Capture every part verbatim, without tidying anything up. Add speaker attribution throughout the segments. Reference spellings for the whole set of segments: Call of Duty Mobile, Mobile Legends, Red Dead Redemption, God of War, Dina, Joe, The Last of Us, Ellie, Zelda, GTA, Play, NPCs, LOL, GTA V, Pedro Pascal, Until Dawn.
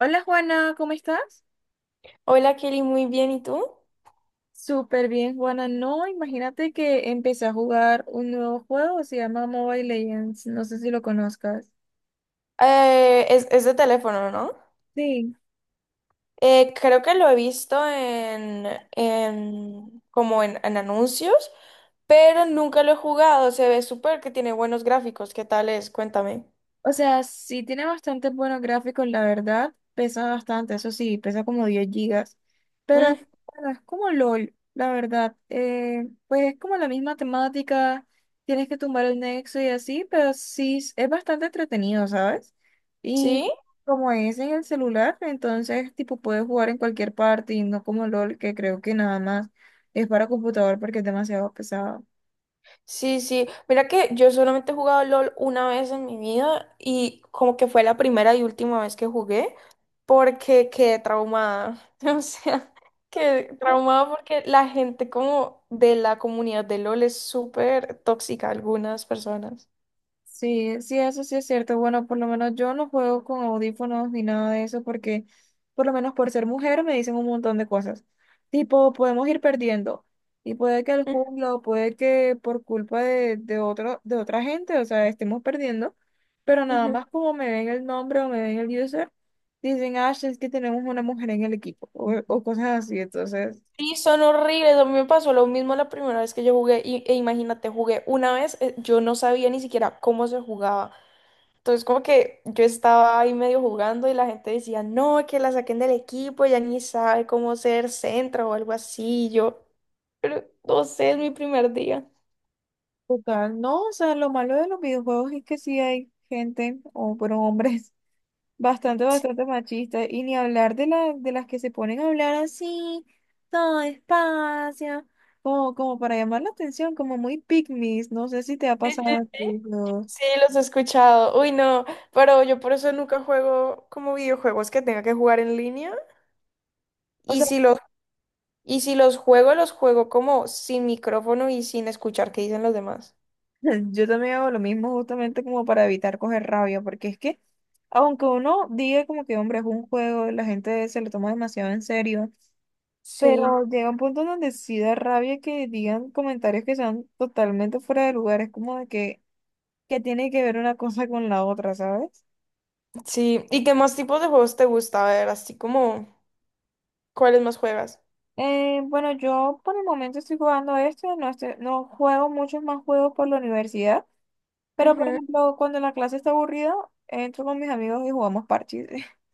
Speaker 1: Hola Juana, ¿cómo estás?
Speaker 2: Hola Kelly, muy bien, ¿y tú?
Speaker 1: Súper bien, Juana. No, imagínate que empecé a jugar un nuevo juego, se llama Mobile Legends, no sé si lo conozcas.
Speaker 2: Eh, es, es de teléfono, ¿no?
Speaker 1: Sí.
Speaker 2: Eh, creo que lo he visto en, en- como en, en anuncios, pero nunca lo he jugado. Se ve súper que tiene buenos gráficos. ¿Qué tal es? Cuéntame.
Speaker 1: O sea, sí tiene bastantes buenos gráficos, la verdad. Pesa bastante, eso sí, pesa como diez gigas. Pero es
Speaker 2: Mm,
Speaker 1: bueno, es como LOL, la verdad. Eh, pues es como la misma temática, tienes que tumbar el nexo y así, pero sí es es bastante entretenido, ¿sabes? Y
Speaker 2: ¿sí?
Speaker 1: como es en el celular, entonces tipo puedes jugar en cualquier parte y no como LOL, que creo que nada más es para computador porque es demasiado pesado.
Speaker 2: Sí, sí. Mira que yo solamente he jugado LOL una vez en mi vida y como que fue la primera y última vez que jugué porque quedé traumada. O sea, quedé traumada porque la gente como de la comunidad de LOL es súper tóxica, algunas personas.
Speaker 1: Sí, sí, eso sí es cierto. Bueno, por lo menos yo no juego con audífonos ni nada de eso porque, por lo menos por ser mujer, me dicen un montón de cosas. Tipo, podemos ir perdiendo. Y puede que el
Speaker 2: Mm,
Speaker 1: jungla o puede que por culpa de, de otro, de otra gente, o sea, estemos perdiendo. Pero nada
Speaker 2: ujú.
Speaker 1: más como me ven el nombre o me ven el user, dicen, ah, sí, es que tenemos una mujer en el equipo o, o cosas así. Entonces,
Speaker 2: Sí, son horribles. A mí me pasó lo mismo la primera vez que yo jugué y, e imagínate, jugué una vez, eh, yo no sabía ni siquiera cómo se jugaba. Entonces, como que yo estaba ahí medio jugando y la gente decía, no, que la saquen del equipo, ya ni sabe cómo ser centro o algo así. Y yo, pero no sé, es mi primer día.
Speaker 1: total, no, o sea, lo malo de los videojuegos es que sí hay gente o fueron hombres bastante, bastante machista. Y ni hablar de, la, de las que se ponen a hablar así, todo despacio, como, como para llamar la atención, como muy pick me. No sé si te ha pasado a ti, ¿no?
Speaker 2: Sí, los he escuchado. Uy, no, pero yo por eso nunca juego como videojuegos que tenga que jugar en línea.
Speaker 1: O
Speaker 2: Y
Speaker 1: sea,
Speaker 2: si los, y si los juego, los juego como sin micrófono y sin escuchar qué dicen los demás.
Speaker 1: yo también hago lo mismo justamente como para evitar coger rabia, porque es que, aunque uno diga como que, hombre, es un juego, la gente se lo toma demasiado en serio,
Speaker 2: Sí,
Speaker 1: pero llega un punto donde sí da rabia que digan comentarios que sean totalmente fuera de lugar. Es como de que, que tiene que ver una cosa con la otra, ¿sabes?
Speaker 2: sí. ¿Y qué más tipos de juegos te gusta? A ver, así como, ¿cuáles más juegas?
Speaker 1: Eh, bueno, yo por el momento estoy jugando este, no, estoy, no juego muchos más juegos por la universidad, pero por
Speaker 2: Ujú.
Speaker 1: ejemplo, cuando la clase está aburrida, entro con mis amigos y jugamos parches.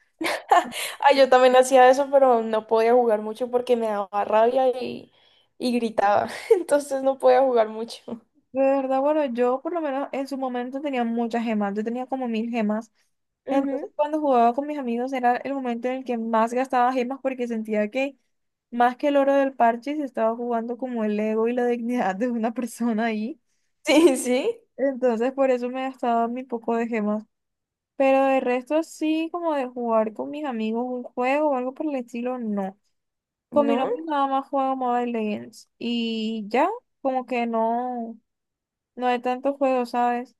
Speaker 2: Ay, yo también hacía eso, pero no podía jugar mucho porque me daba rabia y, y gritaba. Entonces no podía jugar mucho.
Speaker 1: De verdad, bueno, yo por lo menos en su momento tenía muchas gemas, yo tenía como mil gemas. Entonces,
Speaker 2: Ujú.
Speaker 1: cuando jugaba con mis amigos era el momento en el que más gastaba gemas porque sentía que más que el oro del parche se estaba jugando como el ego y la dignidad de una persona ahí.
Speaker 2: Sí, sí.
Speaker 1: Entonces, por eso me gastaba mi poco de gemas. Pero de resto sí, como de jugar con mis amigos un juego o algo por el estilo, no. Con mi
Speaker 2: ¿No?
Speaker 1: novio nada más juego Mobile Legends y ya, como que no, no hay tantos juegos, ¿sabes?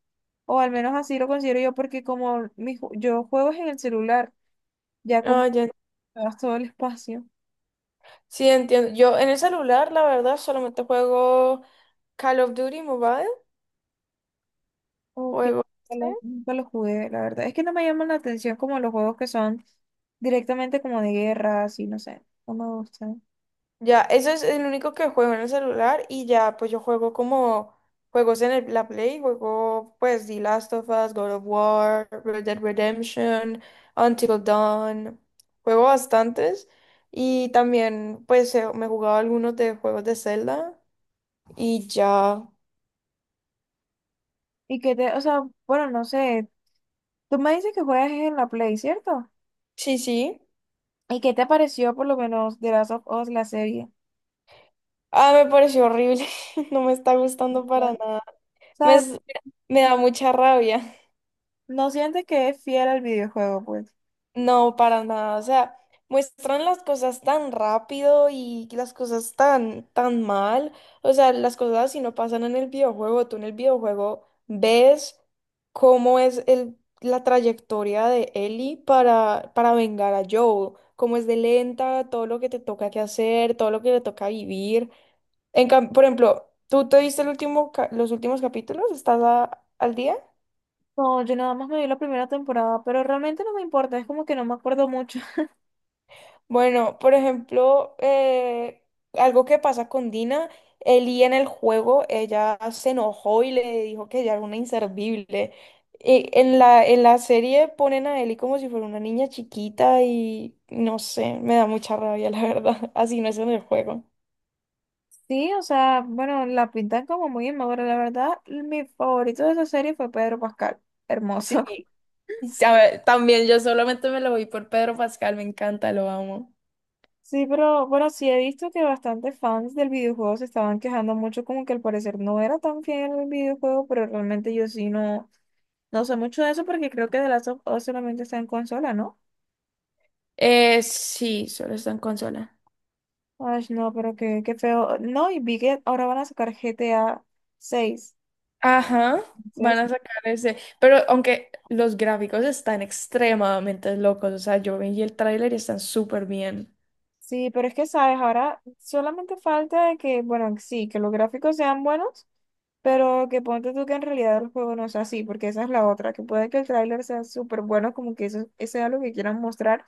Speaker 1: O al menos así lo considero yo porque como mi ju- yo juego es en el celular, ya como
Speaker 2: Ah, ya.
Speaker 1: me gasto todo el espacio.
Speaker 2: Sí, entiendo. Yo en el celular, la verdad, solamente juego Call of Duty Mobile.
Speaker 1: Ok,
Speaker 2: Juego.
Speaker 1: nunca
Speaker 2: este,
Speaker 1: lo nunca lo jugué, la verdad. Es que no me llaman la atención como los juegos que son directamente como de guerra, así, no sé, no me gustan.
Speaker 2: Ya, eso es el único que juego en el celular y ya, pues yo juego como juegos en el- la Play, juego pues The Last of Us, God of War, Red Dead Redemption, Until Dawn, juego bastantes y también pues eh, me he jugado algunos de juegos de Zelda y ya,
Speaker 1: Y que te, o sea, bueno, no sé, tú me dices que juegas en la Play, ¿cierto?
Speaker 2: sí, sí.
Speaker 1: ¿Y qué te pareció por lo menos de Last of Us, la serie?
Speaker 2: Ah, me pareció horrible, no me está gustando para
Speaker 1: Claro. O
Speaker 2: nada. Me,
Speaker 1: sea,
Speaker 2: es- me da mucha rabia.
Speaker 1: ¿no sientes que es fiel al videojuego, pues?
Speaker 2: No, para nada. O sea, muestran las cosas tan rápido y las cosas tan, tan mal. O sea, las cosas si no pasan en el videojuego. Tú en el videojuego ves cómo es el, la trayectoria de Ellie para, para vengar a Joe, cómo es de lenta, todo lo que te toca que hacer, todo lo que le toca vivir. En cam- por ejemplo, ¿tú te viste el último ca- los últimos capítulos? ¿Estás a- al día?
Speaker 1: No, yo nada más me vi la primera temporada, pero realmente no me importa, es como que no me acuerdo mucho.
Speaker 2: Bueno, por ejemplo, eh, algo que pasa con Dina, Ellie en el juego, ella se enojó y le dijo que ella era una inservible. Y en la, en la serie ponen a Ellie como si fuera una niña chiquita y no sé, me da mucha rabia, la verdad. Así no es en el juego.
Speaker 1: Sí, o sea, bueno, la pintan como muy inmadura, la verdad, mi favorito de esa serie fue Pedro Pascal,
Speaker 2: Sí,
Speaker 1: hermoso.
Speaker 2: sabe, también yo solamente me lo voy por Pedro Pascal, me encanta, lo amo.
Speaker 1: Sí, pero bueno, sí he visto que bastantes fans del videojuego se estaban quejando mucho, como que al parecer no era tan fiel al videojuego, pero realmente yo sí no. No sé mucho de eso porque creo que The Last of Us solamente está en consola, ¿no?
Speaker 2: Eh, sí, solo está en consola.
Speaker 1: Ay, no, pero qué, qué feo. No, y vi que ahora van a sacar G T A seis.
Speaker 2: Ajá, van
Speaker 1: Entonces,
Speaker 2: a sacar ese. Pero aunque los gráficos están extremadamente locos, o sea, yo vi el tráiler y están súper bien.
Speaker 1: sí, pero es que, ¿sabes? Ahora solamente falta de que, bueno, sí, que los gráficos sean buenos, pero que ponte tú que en realidad el juego no sea así, porque esa es la otra, que puede que el tráiler sea súper bueno, como que eso, eso sea lo que quieran mostrar,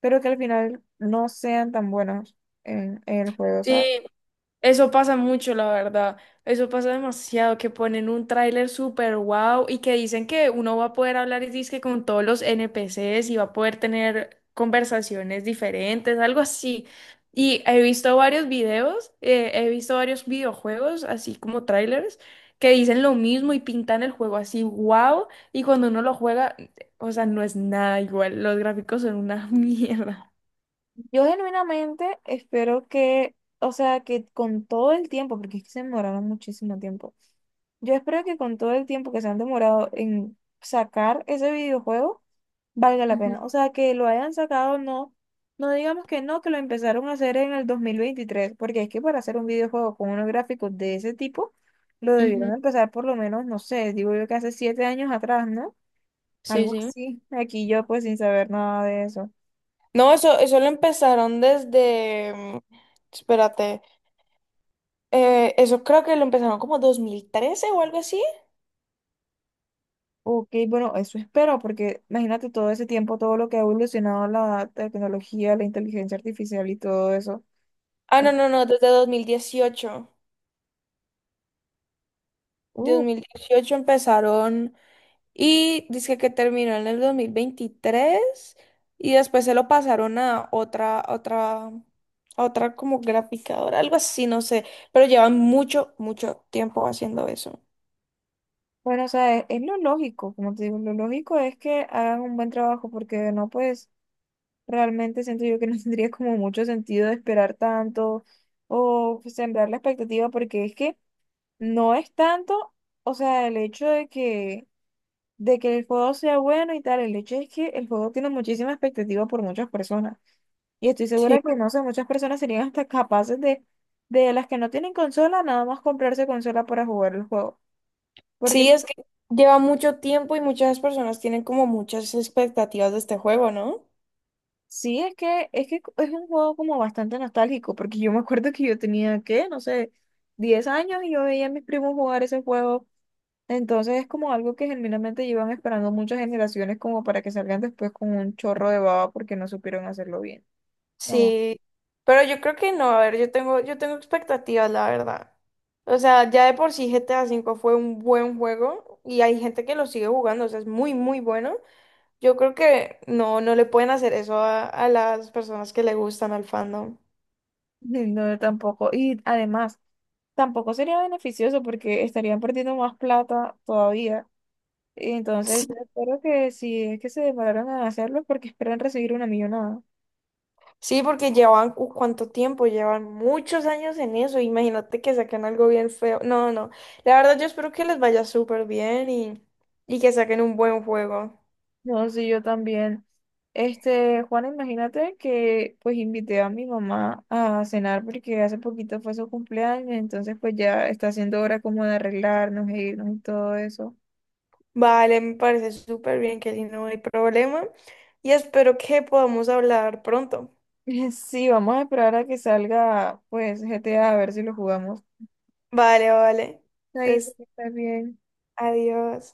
Speaker 1: pero que al final no sean tan buenos en, en el juego,
Speaker 2: Sí,
Speaker 1: ¿sabes?
Speaker 2: eso pasa mucho, la verdad. Eso pasa demasiado, que ponen un tráiler súper wow y que dicen que uno va a poder hablar y dizque con todos los N P Cs y va a poder tener conversaciones diferentes, algo así. Y he visto varios videos, eh, he visto varios videojuegos, así como trailers, que dicen lo mismo y pintan el juego así wow y cuando uno lo juega, o sea, no es nada igual. Los gráficos son una mierda.
Speaker 1: Yo genuinamente espero que, o sea, que con todo el tiempo, porque es que se demoraron muchísimo tiempo, yo espero que con todo el tiempo que se han demorado en sacar ese videojuego, valga la
Speaker 2: Ujú,
Speaker 1: pena. O sea, que lo hayan sacado, no, no digamos que no, que lo empezaron a hacer en el dos mil veintitrés, porque es que para hacer un videojuego con unos gráficos de ese tipo, lo
Speaker 2: ujú.
Speaker 1: debieron empezar por lo menos, no sé, digo yo que hace siete años atrás, ¿no?
Speaker 2: Sí,
Speaker 1: Algo
Speaker 2: sí.
Speaker 1: así. Aquí yo pues sin saber nada de eso.
Speaker 2: No, eso, eso lo empezaron desde, mm, espérate, eh, eso creo que lo empezaron como dos mil trece o algo así.
Speaker 1: Ok, bueno, eso espero, porque imagínate todo ese tiempo, todo lo que ha evolucionado la tecnología, la inteligencia artificial y todo eso.
Speaker 2: Ah, no,
Speaker 1: En-
Speaker 2: no, no, desde dos dos mil dieciocho, dos
Speaker 1: Uh,
Speaker 2: mil dieciocho empezaron y dice que terminó en el dos mil veintitrés y después se lo pasaron a otra, a otra, a otra como graficadora, algo así, no sé, pero llevan mucho, mucho tiempo haciendo eso.
Speaker 1: bueno, o sea, es, es lo lógico, como te digo, lo lógico es que hagan un buen trabajo, porque de no, pues realmente siento yo que no tendría como mucho sentido de esperar tanto o sembrar la expectativa, porque es que no es tanto, o sea, el hecho de que, de que el juego sea bueno y tal, el hecho es que el juego tiene muchísima expectativa por muchas personas. Y estoy segura que, no sé, muchas personas serían hasta capaces de, de las que no tienen consola, nada más comprarse consola para jugar el juego.
Speaker 2: Sí,
Speaker 1: Porque
Speaker 2: es que lleva mucho tiempo y muchas personas tienen como muchas expectativas de este juego, ¿no?
Speaker 1: sí, es que, es que es un juego como bastante nostálgico, porque yo me acuerdo que yo tenía, ¿qué? No sé, diez años y yo veía a mis primos jugar ese juego. Entonces es como algo que genuinamente llevan esperando muchas generaciones como para que salgan después con un chorro de baba porque no supieron hacerlo bien. No,
Speaker 2: Sí, pero yo creo que no, a ver, yo tengo, yo tengo expectativas, la verdad. O sea, ya de por sí G T A V fue un buen juego y hay gente que lo sigue jugando, o sea, es muy, muy bueno. Yo creo que no, no le pueden hacer eso a, a las personas que le gustan al fandom.
Speaker 1: sí, no, yo tampoco. Y además, tampoco sería beneficioso porque estarían perdiendo más plata todavía. Y entonces, yo espero que si es que se demoraron en hacerlo, porque esperan recibir una millonada.
Speaker 2: Sí, porque llevan, uh, ¿cuánto tiempo? Llevan muchos años en eso. Imagínate que saquen algo bien feo. No, no. La verdad, yo espero que les vaya súper bien y, y que saquen un buen juego.
Speaker 1: No, sí, yo también. Este, Juan, imagínate que pues invité a mi mamá a cenar porque hace poquito fue su cumpleaños, entonces pues ya está haciendo hora como de arreglarnos e irnos y todo eso.
Speaker 2: Vale, me parece súper bien, que si no hay problema. Y espero que podamos hablar pronto.
Speaker 1: Sí, vamos a esperar a que salga pues G GTA a a ver si lo jugamos.
Speaker 2: Vale, vale.
Speaker 1: Ahí
Speaker 2: Entonces,
Speaker 1: está bien.
Speaker 2: adiós.